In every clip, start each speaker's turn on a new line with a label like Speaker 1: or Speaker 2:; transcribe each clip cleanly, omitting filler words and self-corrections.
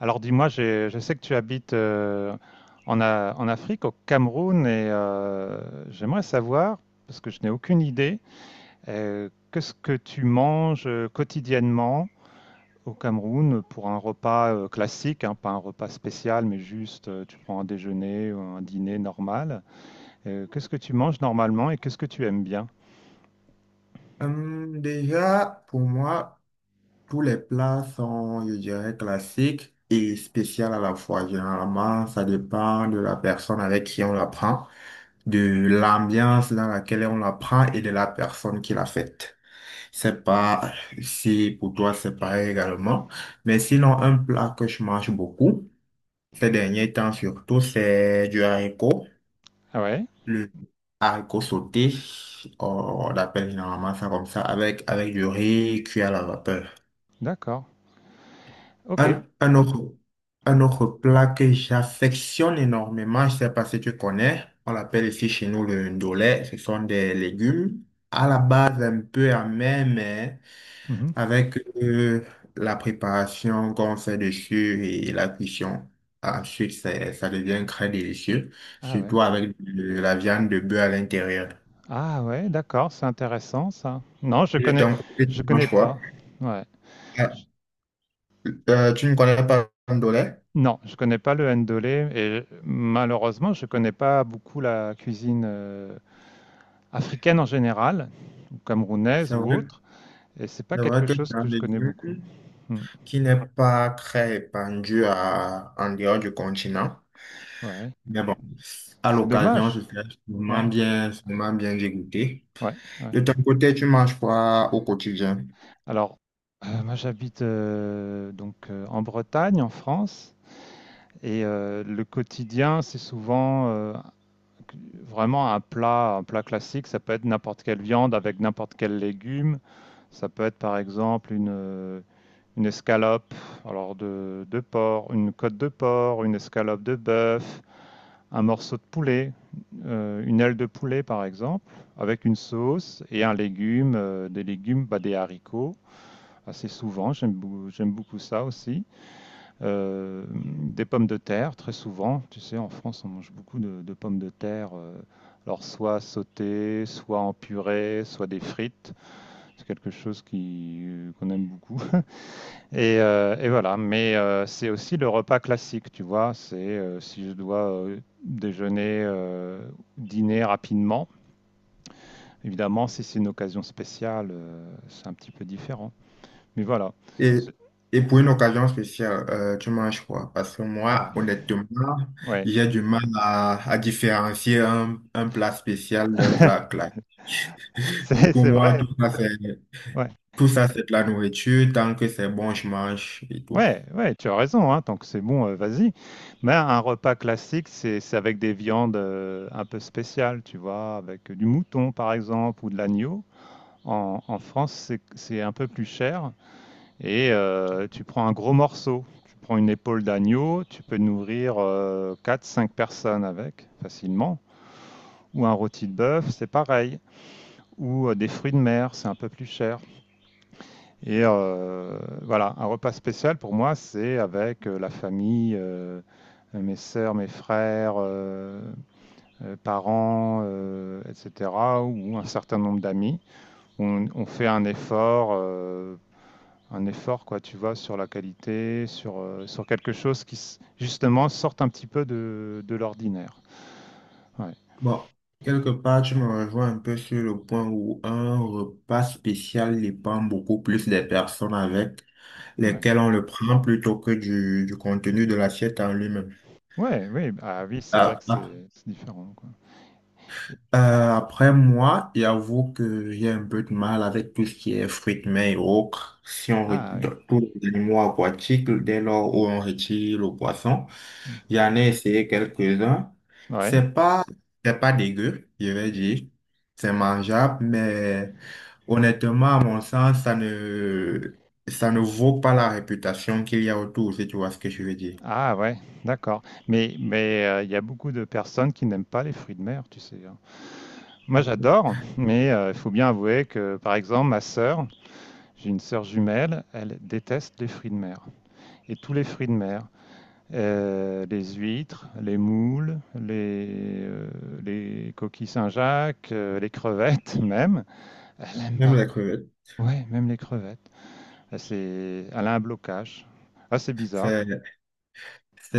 Speaker 1: Alors dis-moi, je sais que tu habites en Afrique, au Cameroun, et j'aimerais savoir, parce que je n'ai aucune idée, qu'est-ce que tu manges quotidiennement au Cameroun pour un repas classique, hein, pas un repas spécial, mais juste tu prends un déjeuner ou un dîner normal. Qu'est-ce que tu manges normalement et qu'est-ce que tu aimes bien?
Speaker 2: Déjà, pour moi, tous les plats sont, je dirais, classiques et spéciaux à la fois. Généralement, ça dépend de la personne avec qui on la prend, de l'ambiance dans laquelle on la prend et de la personne qui l'a faite. C'est pas si pour toi c'est pareil également. Mais sinon, un plat que je mange beaucoup, ces derniers temps surtout, c'est du haricot.
Speaker 1: Ah ouais,
Speaker 2: Le haricot sauté, on appelle généralement ça comme ça, avec, avec du riz cuit à la vapeur.
Speaker 1: d'accord, ok.
Speaker 2: Un, un autre, un autre plat que j'affectionne énormément, je ne sais pas si tu connais, on l'appelle ici chez nous le ndolé, ce sont des légumes à la base un peu amers, mais
Speaker 1: Mhm.
Speaker 2: avec euh, la préparation qu'on fait dessus et la cuisson. Ensuite, ça devient très délicieux,
Speaker 1: Ah ouais,
Speaker 2: surtout avec de la viande de bœuf à l'intérieur.
Speaker 1: ah ouais, d'accord, c'est intéressant ça. Non,
Speaker 2: Et de ton côté, tu
Speaker 1: je connais
Speaker 2: manges quoi?
Speaker 1: pas. Ouais.
Speaker 2: Ah, tu ne connais pas le pomme.
Speaker 1: Non, je connais pas le ndolé et malheureusement, je connais pas beaucoup la cuisine africaine en général, ou
Speaker 2: C'est
Speaker 1: camerounaise ou
Speaker 2: vrai,
Speaker 1: autre, et c'est pas
Speaker 2: c'est vrai
Speaker 1: quelque
Speaker 2: que
Speaker 1: chose
Speaker 2: c'est un
Speaker 1: que je connais
Speaker 2: légume
Speaker 1: beaucoup. Hmm.
Speaker 2: qui n'est pas très répandu en dehors du continent.
Speaker 1: Ouais,
Speaker 2: Mais bon, à
Speaker 1: c'est
Speaker 2: l'occasion,
Speaker 1: dommage.
Speaker 2: je serais
Speaker 1: Ouais,
Speaker 2: sûrement bien dégoûté.
Speaker 1: ouais, ouais.
Speaker 2: De ton côté, tu manges quoi au quotidien?
Speaker 1: Alors, moi j'habite donc en Bretagne, en France, et le quotidien, c'est souvent vraiment un plat classique. Ça peut être n'importe quelle viande avec n'importe quel légume. Ça peut être par exemple une escalope alors de porc, une côte de porc, une escalope de bœuf, un morceau de poulet, une aile de poulet par exemple, avec une sauce et un légume, des légumes, bah, des haricots assez souvent, j'aime beaucoup ça aussi. Des pommes de terre très souvent, tu sais en France on mange beaucoup de pommes de terre. Alors soit sautées, soit en purée, soit des frites. C'est quelque chose qui qu'on aime beaucoup. Et voilà, mais c'est aussi le repas classique, tu vois. C'est si je dois déjeuner, dîner rapidement. Évidemment, si c'est une occasion spéciale, c'est un petit peu différent. Mais voilà.
Speaker 2: Et,
Speaker 1: C'est-
Speaker 2: et pour une occasion spéciale, tu manges quoi? Parce que moi,
Speaker 1: Alors,
Speaker 2: honnêtement,
Speaker 1: ouais,
Speaker 2: j'ai du mal à différencier un plat spécial d'un plat classique. Pour
Speaker 1: c'est
Speaker 2: moi,
Speaker 1: vrai. Ouais,
Speaker 2: tout ça, c'est de la nourriture. Tant que c'est bon, je mange et tout.
Speaker 1: ouais, ouais, tu as raison. Hein, tant que c'est bon, vas-y. Mais un repas classique, c'est avec des viandes un peu spéciales, tu vois, avec du mouton par exemple ou de l'agneau. En France, c'est un peu plus cher. Et tu prends un gros morceau, tu prends une épaule d'agneau, tu peux nourrir quatre cinq personnes avec facilement. Ou un rôti de bœuf, c'est pareil. Ou des fruits de mer, c'est un peu plus cher. Et voilà, un repas spécial pour moi, c'est avec la famille, mes sœurs, mes frères, parents, etc., ou un certain nombre d'amis. On fait un effort, quoi, tu vois, sur la qualité, sur quelque chose qui, justement, sorte un petit peu de l'ordinaire. Ouais,
Speaker 2: Bon, quelque part, tu me rejoins un peu sur le point où un repas spécial dépend beaucoup plus des personnes avec
Speaker 1: ouais.
Speaker 2: lesquelles on le prend plutôt que du contenu de l'assiette en lui-même.
Speaker 1: Ouais, oui, ah oui, c'est vrai que
Speaker 2: À
Speaker 1: c'est différent, quoi. Et-
Speaker 2: Euh, après moi, j'avoue que j'ai un peu de mal avec tout ce qui est fruits de mer et autres. Si on
Speaker 1: Ah oui.
Speaker 2: retire tous les animaux aquatiques, dès lors où on retire le poisson,
Speaker 1: Hmm.
Speaker 2: j'en ai essayé quelques-uns.
Speaker 1: Ouais.
Speaker 2: C'est pas, c'est pas dégueu, je vais dire. C'est mangeable, mais honnêtement, à mon sens, ça ne vaut pas la réputation qu'il y a autour, si tu vois ce que je veux dire.
Speaker 1: Ah ouais, d'accord. Mais il y a beaucoup de personnes qui n'aiment pas les fruits de mer, tu sais. Hein. Moi, j'adore, mais il faut bien avouer que, par exemple, ma sœur, j'ai une sœur jumelle, elle déteste les fruits de mer. Et tous les fruits de mer, les huîtres, les moules, les coquilles Saint-Jacques, les crevettes même. Elle aime
Speaker 2: Même
Speaker 1: pas.
Speaker 2: les crevettes.
Speaker 1: Ouais, même les crevettes. Elle a un blocage. Ah, c'est bizarre.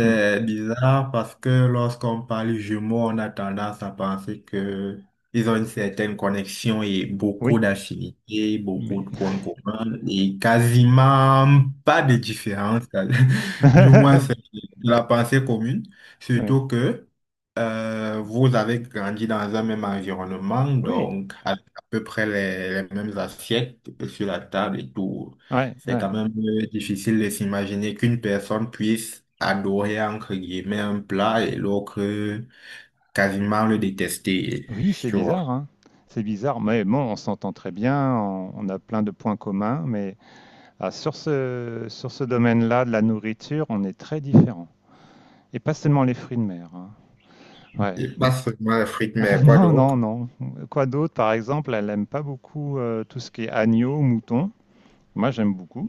Speaker 1: Hmm.
Speaker 2: bizarre parce que lorsqu'on parle jumeaux, on a tendance à penser que ils ont une certaine connexion et beaucoup
Speaker 1: Oui,
Speaker 2: d'affinités, beaucoup
Speaker 1: mais...
Speaker 2: de points communs et quasiment pas de différence. Du moins, c'est la pensée commune.
Speaker 1: Ouais.
Speaker 2: Surtout que vous avez grandi dans un même environnement,
Speaker 1: Oui,
Speaker 2: donc à peu près les mêmes assiettes sur la table et tout.
Speaker 1: ouais,
Speaker 2: C'est
Speaker 1: ouais.
Speaker 2: quand même difficile de s'imaginer qu'une personne puisse adorer, entre guillemets, un plat et l'autre quasiment le détester,
Speaker 1: Oui, c'est
Speaker 2: tu vois.
Speaker 1: bizarre, hein. C'est bizarre, mais bon, on s'entend très bien, on a plein de points communs, mais ah, sur ce domaine-là de la nourriture, on est très différents. Et pas seulement les fruits de mer, hein. Ouais.
Speaker 2: Et pas seulement les frites, mais quoi
Speaker 1: Non, non,
Speaker 2: d'autre?
Speaker 1: non. Quoi d'autre? Par exemple, elle aime pas beaucoup tout ce qui est agneau, mouton. Moi, j'aime beaucoup.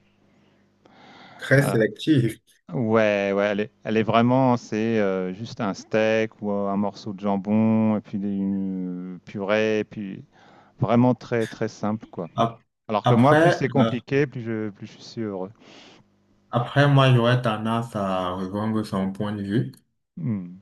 Speaker 2: Très
Speaker 1: Euh,
Speaker 2: sélectif.
Speaker 1: ouais, ouais, elle est vraiment, c'est juste un steak ou un morceau de jambon, et puis une purée, et puis vraiment très, très simple, quoi.
Speaker 2: Ap-
Speaker 1: Alors que moi, plus
Speaker 2: Après,
Speaker 1: c'est compliqué, plus je suis heureux.
Speaker 2: après, moi, j'aurais tendance à rejoindre son point de vue.
Speaker 1: Hmm.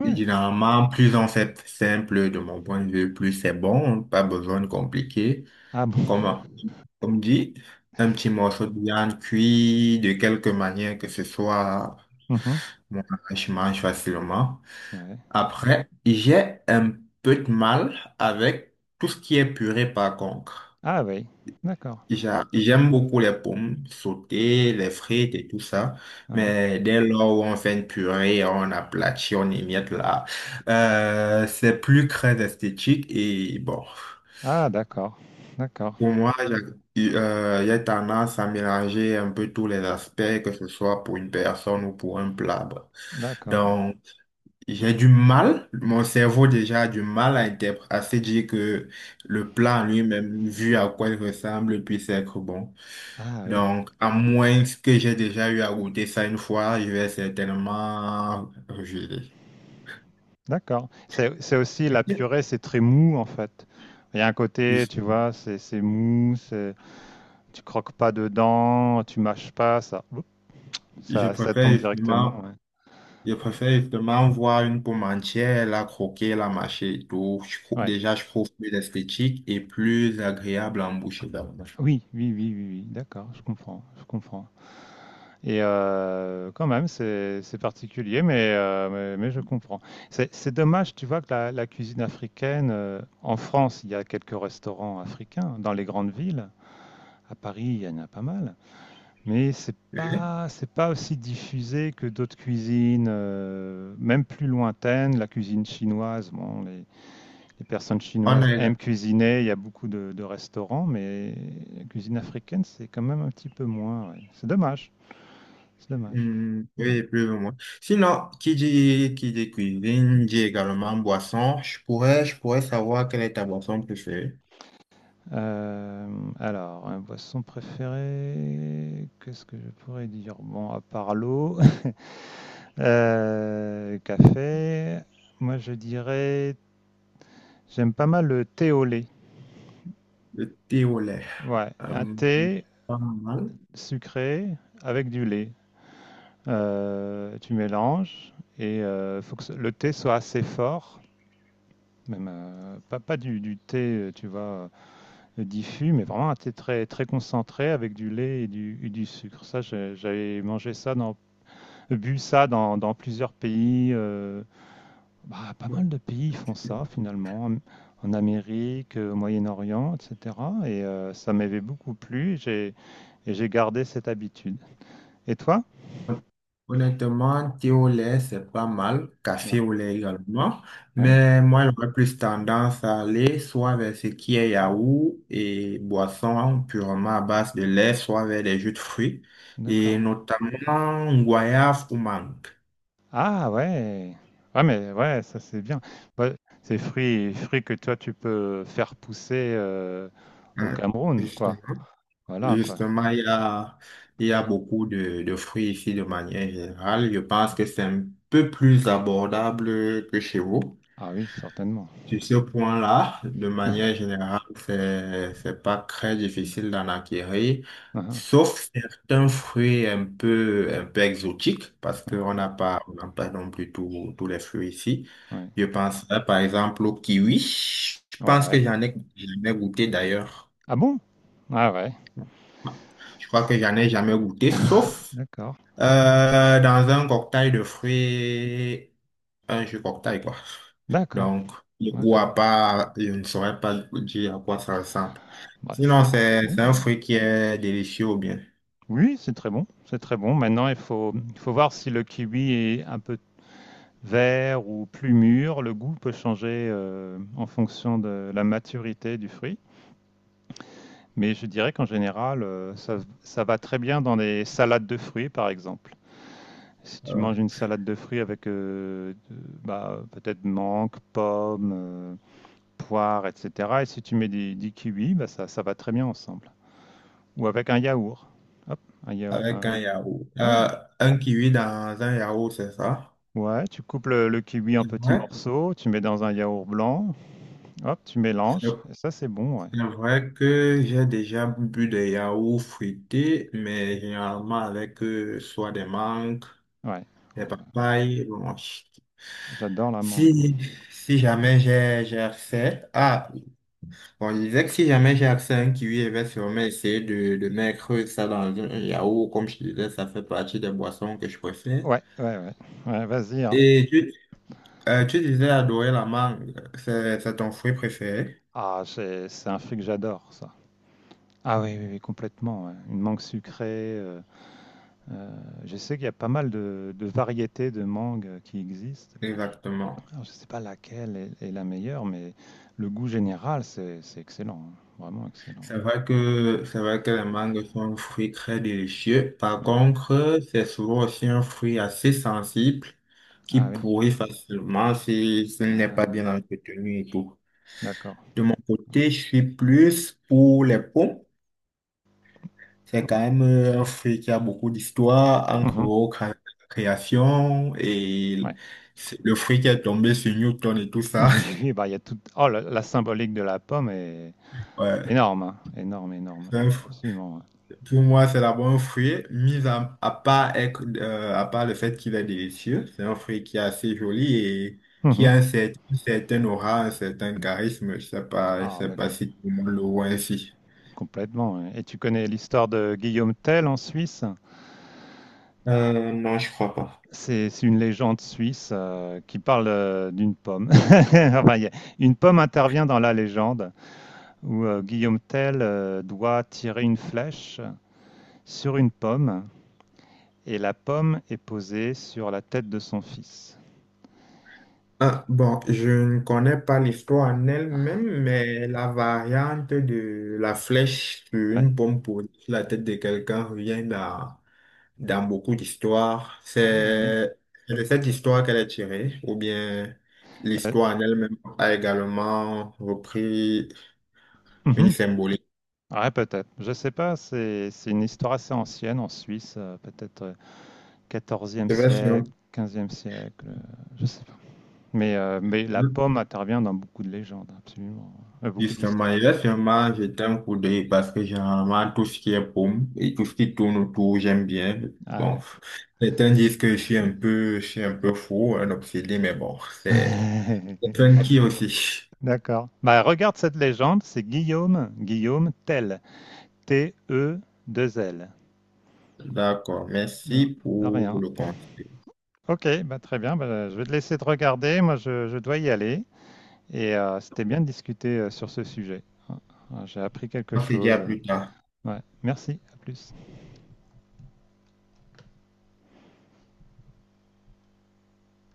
Speaker 1: Ouais.
Speaker 2: Généralement, plus on fait simple de mon point de vue, plus c'est bon, pas besoin de compliquer.
Speaker 1: Ah bon?
Speaker 2: Comme, comme dit, un petit morceau de viande cuit de quelque manière que ce soit,
Speaker 1: Mhm.
Speaker 2: mon je mange facilement.
Speaker 1: Ouais.
Speaker 2: Après, j'ai un peu de mal avec tout ce qui est purée par contre.
Speaker 1: Ah oui, d'accord.
Speaker 2: J'aime beaucoup les pommes sautées, les frites et tout ça,
Speaker 1: Ouais.
Speaker 2: mais dès lors où on fait une purée, on aplatit, on émiette là, c'est plus très esthétique et bon.
Speaker 1: Ah d'accord, d'accord,
Speaker 2: Pour moi, y a il tendance à mélanger un peu tous les aspects, que ce soit pour une personne ou pour un plat. Bah.
Speaker 1: d'accord.
Speaker 2: Donc, j'ai du mal, mon cerveau déjà a du mal à, à se dire que le plat en lui-même, vu à quoi il ressemble, puisse être bon.
Speaker 1: Ah oui.
Speaker 2: Donc, à moins que j'ai déjà eu à goûter ça une fois, je vais certainement rejeter.
Speaker 1: D'accord. C'est aussi la
Speaker 2: Ok.
Speaker 1: purée, c'est très mou en fait. Il y a un côté,
Speaker 2: Juste-
Speaker 1: tu vois, c'est mou, c'est tu croques pas dedans, tu mâches pas, ça, oups,
Speaker 2: Je
Speaker 1: ça tombe
Speaker 2: préfère
Speaker 1: directement.
Speaker 2: justement
Speaker 1: Ouais.
Speaker 2: Je
Speaker 1: Mm.
Speaker 2: préfère justement voir une pomme entière, la croquer, la mâcher et tout.
Speaker 1: Ouais.
Speaker 2: Déjà, je trouve plus esthétique et plus agréable en bouche également.
Speaker 1: Oui, oui, oui, oui, oui. D'accord, je comprends, je comprends. Et quand même, c'est particulier, mais je comprends. C'est dommage, tu vois, que la cuisine africaine en France, il y a quelques restaurants africains dans les grandes villes. À Paris, il y en a pas mal. Mais
Speaker 2: Oui,
Speaker 1: c'est pas aussi diffusé que d'autres cuisines, même plus lointaines. La cuisine chinoise, bon, les personnes
Speaker 2: on
Speaker 1: chinoises
Speaker 2: a,
Speaker 1: aiment cuisiner. Il y a beaucoup de restaurants, mais la cuisine africaine, c'est quand même un petit peu moins. Ouais. C'est dommage. C'est dommage.
Speaker 2: hmm,
Speaker 1: Mm.
Speaker 2: oui, plus ou moins. Sinon, qui dit cuisine, dit également boisson. Je pourrais savoir quelle est ta boisson préférée.
Speaker 1: Euh, alors, un boisson préféré, qu'est-ce que je pourrais dire? Bon, à part l'eau, café. Moi, je dirais, j'aime pas mal le thé au lait.
Speaker 2: Le thé au lait.
Speaker 1: Ouais, un
Speaker 2: Euh,
Speaker 1: thé
Speaker 2: pas mal.
Speaker 1: sucré avec du lait. Tu mélanges et il faut que le thé soit assez fort, même pas du thé, tu vois, diffus, mais vraiment un thé très, très concentré avec du lait et du sucre. Ça, j'avais mangé ça, bu ça dans plusieurs pays. Bah, pas mal
Speaker 2: Bon.
Speaker 1: de pays font ça finalement, en Amérique, au Moyen-Orient, etc. Et ça m'avait beaucoup plu. J'ai gardé cette habitude. Et toi?
Speaker 2: Honnêtement, thé au lait, c'est pas mal,
Speaker 1: Ouais,
Speaker 2: café au lait également,
Speaker 1: ouais,
Speaker 2: mais moi, j'aurais plus tendance à aller soit vers ce qui est yaourt et boisson purement à base de lait, soit vers des jus de fruits, et
Speaker 1: d'accord.
Speaker 2: notamment goyave ou mangue.
Speaker 1: Ah ouais. Ah mais ouais, ça c'est bien. Ouais, c'est fruits que toi tu peux faire pousser au
Speaker 2: Hein,
Speaker 1: Cameroun, quoi.
Speaker 2: justement,
Speaker 1: Voilà, quoi.
Speaker 2: justement, il y a beaucoup de fruits ici de manière générale. Je pense que c'est un peu plus abordable que chez vous.
Speaker 1: Ah oui, certainement.
Speaker 2: Sur ce point-là, de manière générale, c'est pas très difficile d'en acquérir,
Speaker 1: Ah,
Speaker 2: sauf certains fruits un peu exotiques, parce
Speaker 1: ah,
Speaker 2: qu'on n'a pas, on n'a pas non plus tous tous les fruits ici.
Speaker 1: ouais.
Speaker 2: Je pense, par exemple, au kiwi. Je
Speaker 1: Ouais.
Speaker 2: pense que
Speaker 1: Ouais.
Speaker 2: j'en ai jamais goûté d'ailleurs.
Speaker 1: Ah bon? Ah ouais.
Speaker 2: Je crois que j'en ai jamais goûté, sauf
Speaker 1: D'accord.
Speaker 2: dans un cocktail de fruits, un jus cocktail, quoi.
Speaker 1: D'accord.
Speaker 2: Donc, le goût à
Speaker 1: D'accord.
Speaker 2: part, je ne saurais pas dire à quoi ça ressemble.
Speaker 1: Bah,
Speaker 2: Sinon,
Speaker 1: c'est bon.
Speaker 2: c'est un fruit qui est délicieux ou bien.
Speaker 1: Oui, c'est très bon. C'est très bon. Maintenant, il faut voir si le kiwi est un peu vert ou plus mûr. Le goût peut changer en fonction de la maturité du fruit. Mais je dirais qu'en général, ça va très bien dans des salades de fruits, par exemple. Si tu
Speaker 2: Euh,
Speaker 1: manges une salade de fruits avec bah, peut-être mangue, pomme, poire, etc. Et si tu mets des kiwis, bah, ça va très bien ensemble. Ou avec un yaourt. Hop, un yaourt.
Speaker 2: avec un yaourt.
Speaker 1: Ouais.
Speaker 2: Un kiwi dans un yaourt, c'est ça?
Speaker 1: Ouais, tu coupes le kiwi en petits
Speaker 2: Ouais.
Speaker 1: morceaux, tu mets dans un yaourt blanc, hop, tu
Speaker 2: C'est
Speaker 1: mélanges, et ça c'est bon, ouais.
Speaker 2: c'est vrai que j'ai déjà bu des yaourts fruités, mais généralement avec soit des mangues,
Speaker 1: Ouais. Oh,
Speaker 2: les
Speaker 1: ouais.
Speaker 2: papayes.
Speaker 1: J'adore la mangue, moi.
Speaker 2: Si, si jamais j'ai accès. Ah, on disait que si jamais j'ai accès à un kiwi, je vais sûrement essayer de mettre ça dans un yaourt. Comme je disais, ça fait partie des boissons que je préfère.
Speaker 1: Ouais, ouais, ouais. Ouais, vas-y, hein.
Speaker 2: Et tu, tu disais adorer la mangue. C'est ton fruit préféré?
Speaker 1: Ah, c'est un fruit que j'adore, ça. Ah oui, oui, oui, complètement. Ouais. Une mangue sucrée. Euh, je sais qu'il y a pas mal de variétés de mangue qui existent.
Speaker 2: Exactement.
Speaker 1: Alors, je ne sais pas laquelle est la meilleure, mais le goût général, c'est excellent. Hein. Vraiment excellent.
Speaker 2: C'est vrai que les mangues sont un fruit très délicieux. Par
Speaker 1: Ouais.
Speaker 2: contre, c'est souvent aussi un fruit assez sensible qui
Speaker 1: Ah oui.
Speaker 2: pourrit facilement si ce n'est pas
Speaker 1: Ah,
Speaker 2: bien entretenu et tout.
Speaker 1: d'accord.
Speaker 2: De mon côté, je suis plus pour les pommes. C'est
Speaker 1: Oh,
Speaker 2: quand même un fruit qui a beaucoup d'histoire,
Speaker 1: mhm.
Speaker 2: encore création et
Speaker 1: Ouais.
Speaker 2: c'est le fruit qui est tombé sur Newton et tout ça.
Speaker 1: Oui, oui, bah, il y a tout... Oh, la symbolique de la pomme est
Speaker 2: Ouais,
Speaker 1: énorme, hein. Énorme, énorme.
Speaker 2: c'est un fruit.
Speaker 1: Absolument.
Speaker 2: Pour moi, c'est d'abord un fruit, mis à part, à part le fait qu'il est délicieux. C'est un fruit qui est assez joli et
Speaker 1: Ouais.
Speaker 2: qui
Speaker 1: Mhm.
Speaker 2: a un une certaine aura, un certain charisme. Je
Speaker 1: Ah,
Speaker 2: sais
Speaker 1: ben,
Speaker 2: pas si tout le monde le voit ainsi.
Speaker 1: complètement. Ouais. Et tu connais l'histoire de Guillaume Tell en Suisse?
Speaker 2: Non, je crois pas.
Speaker 1: C'est une légende suisse qui parle d'une pomme. Enfin, une pomme intervient dans la légende où Guillaume Tell doit tirer une flèche sur une pomme et la pomme est posée sur la tête de son fils.
Speaker 2: Ah, bon, je ne connais pas l'histoire en elle-même, mais la variante de la flèche sur
Speaker 1: Ouais.
Speaker 2: une bombe posée sur la tête de quelqu'un revient dans, dans beaucoup d'histoires.
Speaker 1: Ah, oui.
Speaker 2: C'est de cette histoire qu'elle est tirée, ou bien l'histoire en elle-même a également repris une symbolique.
Speaker 1: Ouais, peut-être. Je sais pas, c'est une histoire assez ancienne en Suisse, peut-être 14
Speaker 2: C'est vrai, c'est vrai.
Speaker 1: siècle, 15 siècle, je sais pas. Mais la pomme intervient dans beaucoup de légendes, absolument. Beaucoup
Speaker 2: Justement,
Speaker 1: d'histoires. Mm.
Speaker 2: justement, j'étais un coup d'œil parce que généralement, tout ce qui est pomme et tout ce qui tourne autour, j'aime bien.
Speaker 1: Ah
Speaker 2: Bon,
Speaker 1: ouais.
Speaker 2: certains disent que je suis un peu, je suis un peu fou, un obsédé, mais bon, c'est funky aussi.
Speaker 1: D'accord. Bah, regarde cette légende, c'est Guillaume, Guillaume Tell, t e deux l.
Speaker 2: D'accord, merci
Speaker 1: Voilà, de
Speaker 2: pour
Speaker 1: rien.
Speaker 2: le conseil.
Speaker 1: Ok, bah, très bien. Bah, je vais te laisser te regarder. Moi, je dois y aller. Et c'était bien de discuter sur ce sujet. Ah, j'ai appris quelque
Speaker 2: On se dit à
Speaker 1: chose.
Speaker 2: plus tard.
Speaker 1: Ouais, merci. À plus.